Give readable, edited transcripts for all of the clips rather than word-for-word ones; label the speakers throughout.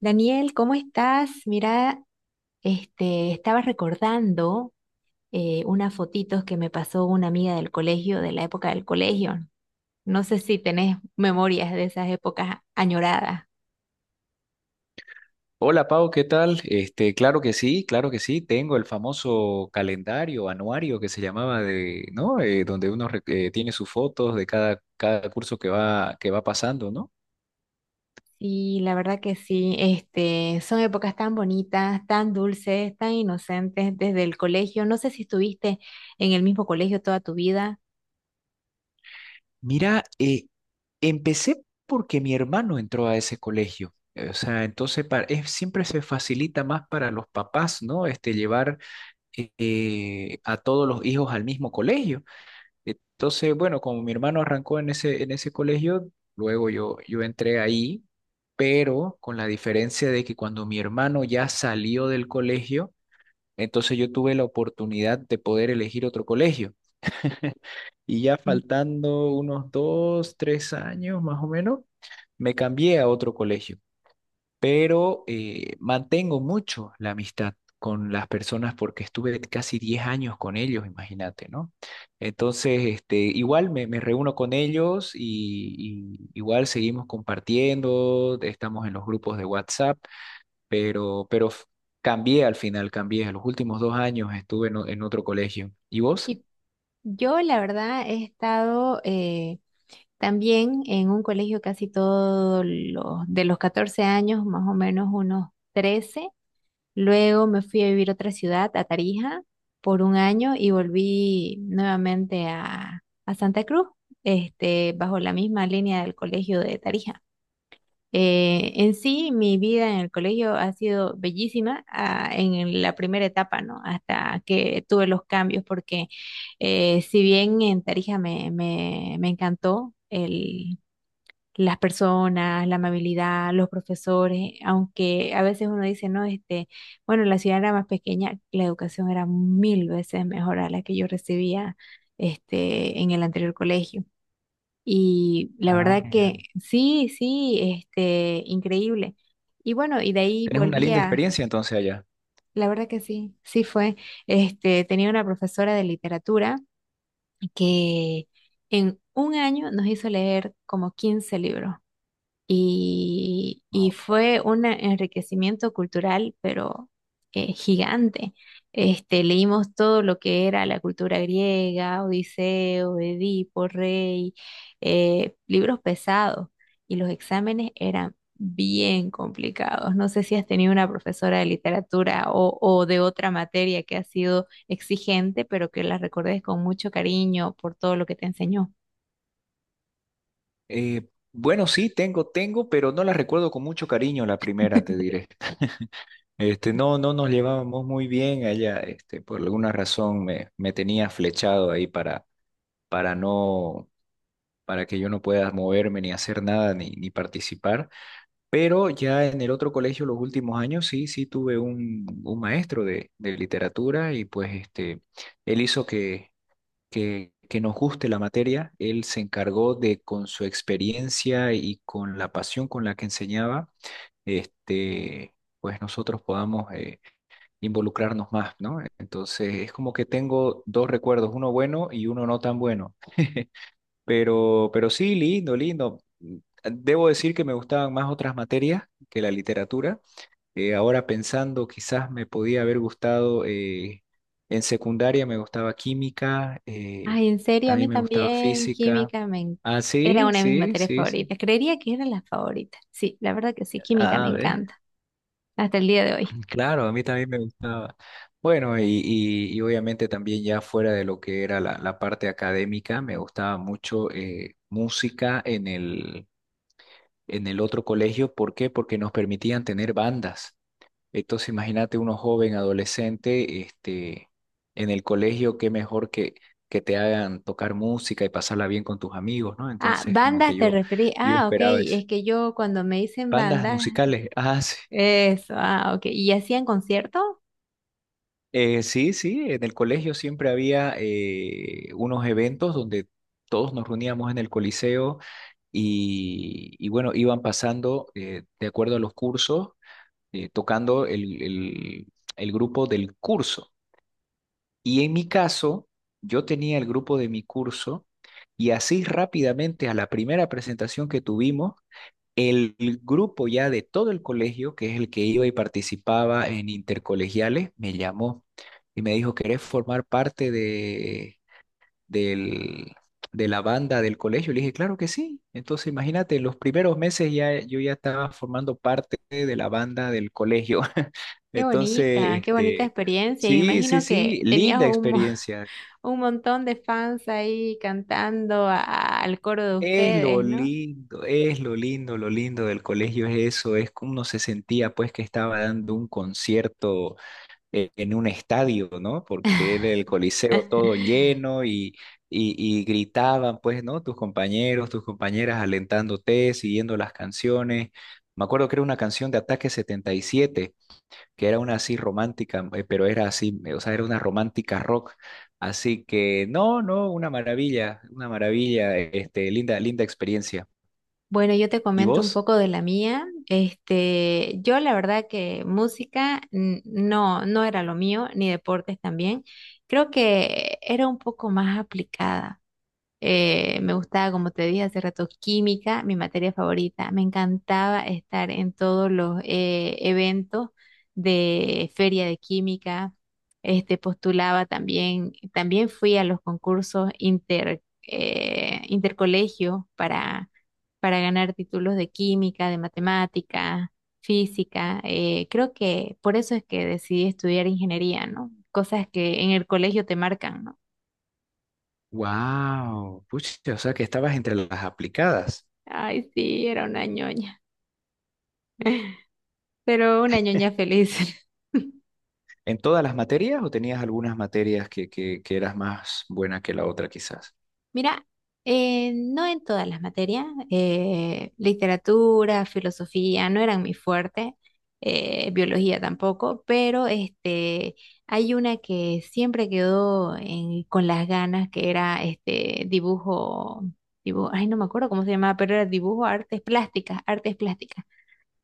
Speaker 1: Daniel, ¿cómo estás? Mira, estaba recordando unas fotitos que me pasó una amiga del colegio, de la época del colegio. No sé si tenés memorias de esas épocas añoradas.
Speaker 2: Hola Pau, ¿qué tal? Este, claro que sí, claro que sí. Tengo el famoso calendario anuario que se llamaba de, ¿no? Donde uno tiene sus fotos de cada curso que va pasando, ¿no?
Speaker 1: Y la verdad que sí, este, son épocas tan bonitas, tan dulces, tan inocentes desde el colegio. No sé si estuviste en el mismo colegio toda tu vida.
Speaker 2: Mira, empecé porque mi hermano entró a ese colegio. O sea, entonces siempre se facilita más para los papás, ¿no? Este, llevar a todos los hijos al mismo colegio. Entonces, bueno, como mi hermano arrancó en ese colegio, luego yo entré ahí, pero con la diferencia de que cuando mi hermano ya salió del colegio, entonces yo tuve la oportunidad de poder elegir otro colegio. Y ya
Speaker 1: Sí.
Speaker 2: faltando unos 2, 3 años más o menos, me cambié a otro colegio, pero mantengo mucho la amistad con las personas porque estuve casi 10 años con ellos, imagínate, ¿no? Entonces, este, igual me reúno con ellos y igual seguimos compartiendo, estamos en los grupos de WhatsApp, pero cambié al final, cambié. A los últimos 2 años estuve en otro colegio. ¿Y vos?
Speaker 1: Y yo, la verdad, he estado, también en un colegio casi todos los, de los 14 años, más o menos unos 13. Luego me fui a vivir a otra ciudad, a Tarija, por un año y volví nuevamente a Santa Cruz, este, bajo la misma línea del colegio de Tarija. En sí, mi vida en el colegio ha sido bellísima, ah, en la primera etapa, ¿no? Hasta que tuve los cambios, porque si bien en Tarija me encantó el las personas, la amabilidad, los profesores, aunque a veces uno dice, no, este, bueno, la ciudad era más pequeña, la educación era mil veces mejor a la que yo recibía, este, en el anterior colegio. Y la
Speaker 2: Ah,
Speaker 1: verdad
Speaker 2: mira.
Speaker 1: que sí, este, increíble. Y bueno, y de ahí
Speaker 2: ¿Tenés una
Speaker 1: volví
Speaker 2: linda
Speaker 1: a,
Speaker 2: experiencia entonces allá?
Speaker 1: la verdad que sí, sí fue, este, tenía una profesora de literatura que en un año nos hizo leer como 15 libros y
Speaker 2: No.
Speaker 1: fue un enriquecimiento cultural, pero gigante. Este, leímos todo lo que era la cultura griega, Odiseo, Edipo, Rey, libros pesados, y los exámenes eran bien complicados. No sé si has tenido una profesora de literatura o de otra materia que ha sido exigente, pero que la recordes con mucho cariño por todo lo que te enseñó.
Speaker 2: Eh, bueno, sí, tengo, pero no la recuerdo con mucho cariño la primera, te diré. Este, no, no nos llevábamos muy bien allá, este, por alguna razón me tenía flechado ahí para no, para que yo no pueda moverme ni hacer nada ni participar. Pero ya en el otro colegio los últimos años sí, sí tuve un maestro de literatura y pues este, él hizo que nos guste la materia. Él se encargó de, con su experiencia y con la pasión con la que enseñaba, este, pues nosotros podamos involucrarnos más, ¿no? Entonces es como que tengo dos recuerdos, uno bueno y uno no tan bueno. Pero sí, lindo, lindo. Debo decir que me gustaban más otras materias que la literatura. Ahora pensando, quizás me podía haber gustado, en secundaria me gustaba química,
Speaker 1: Ay, en serio, a
Speaker 2: también
Speaker 1: mí
Speaker 2: me gustaba
Speaker 1: también
Speaker 2: física. Ah,
Speaker 1: era
Speaker 2: sí,
Speaker 1: una de mis
Speaker 2: sí,
Speaker 1: materias
Speaker 2: sí, sí.
Speaker 1: favoritas. Creería que era la favorita. Sí, la verdad que sí, química me
Speaker 2: Ah, ¿ves?
Speaker 1: encanta hasta el día de hoy.
Speaker 2: Claro, a mí también me gustaba. Bueno, y obviamente también ya fuera de lo que era la parte académica, me gustaba mucho música en el otro colegio. ¿Por qué? Porque nos permitían tener bandas. Entonces, imagínate, uno joven, adolescente, este, en el colegio, qué mejor que te hagan tocar música y pasarla bien con tus amigos, ¿no?
Speaker 1: Ah,
Speaker 2: Entonces, como que
Speaker 1: bandas te
Speaker 2: yo,
Speaker 1: referí.
Speaker 2: yo
Speaker 1: Ah, ok,
Speaker 2: esperaba eso.
Speaker 1: es que yo cuando me dicen
Speaker 2: Bandas
Speaker 1: bandas,
Speaker 2: musicales, ah, sí.
Speaker 1: eso, ah, ok. ¿Y hacían conciertos?
Speaker 2: Sí, sí, en el colegio siempre había unos eventos donde todos nos reuníamos en el Coliseo y bueno, iban pasando, de acuerdo a los cursos, tocando el grupo del curso. Y en mi caso, yo tenía el grupo de mi curso y así rápidamente, a la primera presentación que tuvimos, el grupo ya de todo el colegio, que es el que iba y participaba en intercolegiales, me llamó y me dijo, ¿querés formar parte del- de la banda del colegio? Le dije, claro que sí. Entonces, imagínate, en los primeros meses ya yo ya estaba formando parte de la banda del colegio. Entonces,
Speaker 1: Qué bonita
Speaker 2: este,
Speaker 1: experiencia. Y me
Speaker 2: sí, sí,
Speaker 1: imagino que
Speaker 2: sí,
Speaker 1: tenías
Speaker 2: linda
Speaker 1: un,
Speaker 2: experiencia.
Speaker 1: un montón de fans ahí cantando al coro de ustedes, ¿no?
Speaker 2: Es lo lindo del colegio es eso, es como uno se sentía pues que estaba dando un concierto, en un estadio, ¿no? Porque era el coliseo todo lleno y, y gritaban pues, ¿no? Tus compañeros, tus compañeras alentándote, siguiendo las canciones. Me acuerdo que era una canción de Ataque 77, que era una así romántica, pero era así, o sea, era una romántica rock. Así que no, no, una maravilla, este, linda, linda experiencia.
Speaker 1: Bueno, yo te
Speaker 2: ¿Y
Speaker 1: comento un
Speaker 2: vos?
Speaker 1: poco de la mía. Este, yo la verdad que música no, no era lo mío, ni deportes también. Creo que era un poco más aplicada. Me gustaba, como te dije hace rato, química, mi materia favorita. Me encantaba estar en todos los eventos de feria de química. Este, postulaba también, también fui a los concursos intercolegio para ganar títulos de química, de matemática, física. Creo que por eso es que decidí estudiar ingeniería, ¿no? Cosas que en el colegio te marcan, ¿no?
Speaker 2: Wow, pucha, o sea que estabas entre las aplicadas.
Speaker 1: Ay, sí, era una ñoña, pero una ñoña feliz.
Speaker 2: ¿En todas las materias o tenías algunas materias que eras más buena que la otra quizás?
Speaker 1: Mira, no en todas las materias, literatura, filosofía no eran mi fuerte, biología tampoco, pero este, hay una que siempre quedó con las ganas, que era este dibujo, dibujo, ay, no me acuerdo cómo se llamaba, pero era dibujo, artes plásticas, artes plásticas.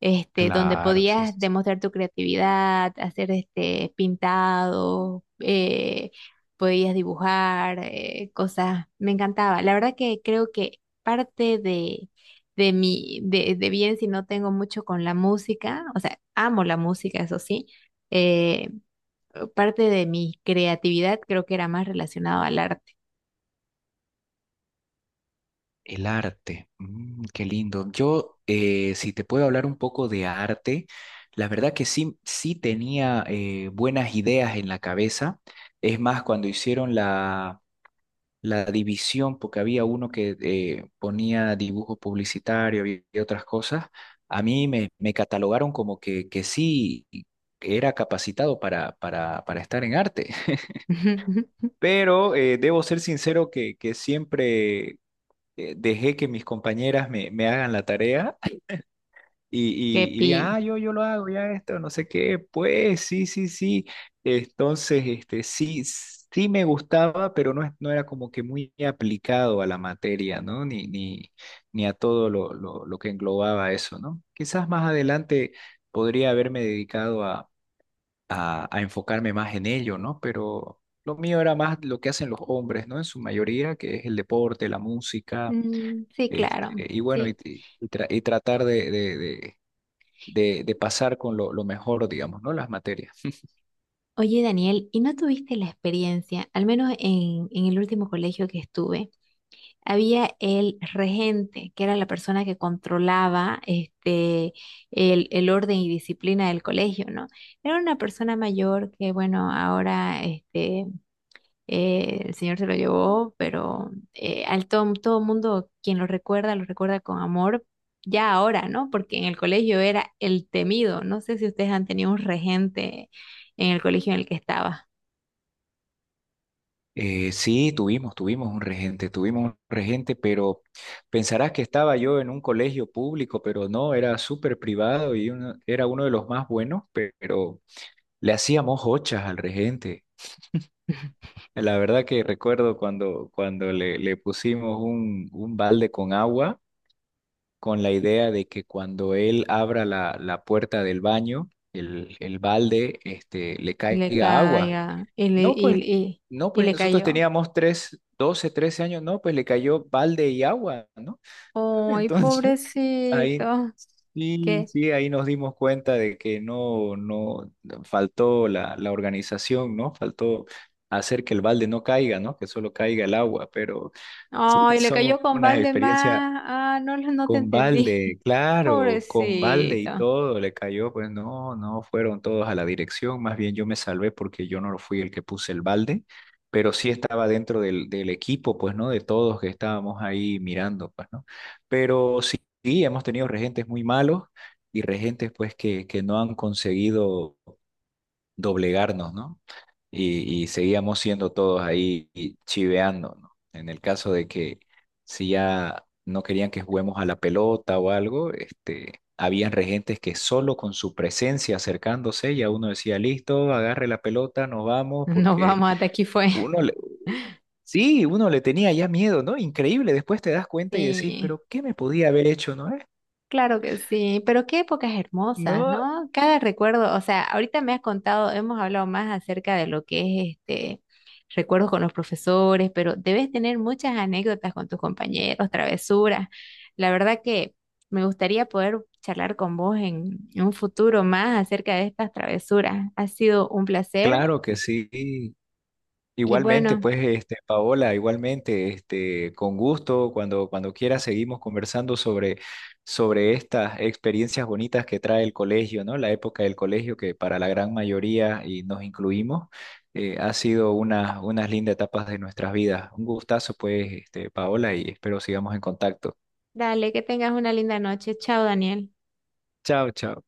Speaker 1: Este, donde
Speaker 2: Claro, sí,
Speaker 1: podías
Speaker 2: sí.
Speaker 1: demostrar tu creatividad, hacer este pintado, podías dibujar, cosas. Me encantaba. La verdad que creo que parte de, de bien si no tengo mucho con la música, o sea, amo la música, eso sí, eh, parte de mi creatividad creo que era más relacionado al arte.
Speaker 2: El arte, mm, qué lindo. Yo, si te puedo hablar un poco de arte, la verdad que sí, sí tenía, buenas ideas en la cabeza. Es más, cuando hicieron la división, porque había uno que ponía dibujo publicitario y otras cosas, a mí me catalogaron como que sí era capacitado para estar en arte. Pero debo ser sincero que siempre, dejé que mis compañeras me hagan la tarea
Speaker 1: Qué
Speaker 2: y digan,
Speaker 1: pillo.
Speaker 2: ah, yo lo hago, ya esto, no sé qué, pues sí, sí, sí. Entonces, este, sí, sí me gustaba, pero no, no era como que muy aplicado a la materia, ¿no? Ni a todo lo que englobaba eso, ¿no? Quizás más adelante podría haberme dedicado a enfocarme más en ello, ¿no? Pero lo mío era más lo que hacen los hombres, ¿no? En su mayoría, que es el deporte, la música,
Speaker 1: Mm, sí,
Speaker 2: este,
Speaker 1: claro.
Speaker 2: y bueno, y,
Speaker 1: Sí.
Speaker 2: y- y tra- y tratar de pasar con lo mejor, digamos, ¿no? Las materias.
Speaker 1: Oye, Daniel, ¿y no tuviste la experiencia? Al menos en el último colegio que estuve, había el regente, que era la persona que controlaba este, el orden y disciplina del colegio, ¿no? Era una persona mayor que, bueno, ahora este, el señor se lo llevó, pero todo mundo quien lo recuerda con amor. Ya ahora, ¿no? Porque en el colegio era el temido. No sé si ustedes han tenido un regente en el colegio en el que estaba.
Speaker 2: Sí, tuvimos un regente, pero pensarás que estaba yo en un colegio público, pero no, era súper privado, y era uno de los más buenos, pero le hacíamos hochas al regente. La verdad que recuerdo cuando le pusimos un balde con agua, con la idea de que cuando él abra la puerta del baño, el balde, este, le
Speaker 1: Le
Speaker 2: caiga agua.
Speaker 1: caiga y
Speaker 2: No, pues, no,
Speaker 1: y
Speaker 2: pues
Speaker 1: le
Speaker 2: nosotros
Speaker 1: cayó.
Speaker 2: teníamos 12, 13 años, no, pues le cayó balde y agua, ¿no?
Speaker 1: Ay,
Speaker 2: Entonces, ahí
Speaker 1: pobrecito.
Speaker 2: sí,
Speaker 1: ¿Qué?
Speaker 2: sí, ahí nos dimos cuenta de que no, no, faltó la organización, ¿no? Faltó hacer que el balde no caiga, ¿no? Que solo caiga el agua, pero...
Speaker 1: Ay, le
Speaker 2: son
Speaker 1: cayó con
Speaker 2: unas
Speaker 1: balde
Speaker 2: experiencias.
Speaker 1: más. Ah, no, no te
Speaker 2: Con
Speaker 1: entendí.
Speaker 2: balde, claro, con balde y
Speaker 1: Pobrecito.
Speaker 2: todo le cayó pues, no, no fueron todos a la dirección, más bien yo me salvé porque yo no fui el que puse el balde, pero sí estaba dentro del equipo, pues no, de todos que estábamos ahí mirando, pues no. Pero sí, sí, hemos tenido regentes muy malos y regentes pues que no han conseguido doblegarnos, ¿no? Y seguíamos siendo todos ahí chiveando, ¿no? En el caso de que si ya no querían que juguemos a la pelota o algo, este, habían regentes que solo con su presencia acercándose, ya uno decía, listo, agarre la pelota, nos vamos,
Speaker 1: Nos
Speaker 2: porque
Speaker 1: vamos, hasta aquí fue.
Speaker 2: uno le, sí, uno le tenía ya miedo, ¿no? Increíble, después te das cuenta y decís,
Speaker 1: Sí.
Speaker 2: pero ¿qué me podía haber hecho, no es?
Speaker 1: Claro que sí, pero qué épocas hermosas,
Speaker 2: No,
Speaker 1: ¿no? Cada recuerdo, o sea, ahorita me has contado, hemos hablado más acerca de lo que es este recuerdos con los profesores, pero debes tener muchas anécdotas con tus compañeros, travesuras. La verdad que me gustaría poder charlar con vos en un futuro más acerca de estas travesuras. Ha sido un placer
Speaker 2: claro que sí.
Speaker 1: y
Speaker 2: Igualmente,
Speaker 1: bueno,
Speaker 2: pues, este, Paola, igualmente, este, con gusto, cuando quieras seguimos conversando sobre estas experiencias bonitas que trae el colegio, ¿no? La época del colegio que para la gran mayoría, y nos incluimos, ha sido unas lindas etapas de nuestras vidas. Un gustazo, pues, este, Paola, y espero sigamos en contacto.
Speaker 1: dale, que tengas una linda noche. Chao, Daniel.
Speaker 2: Chao, chao.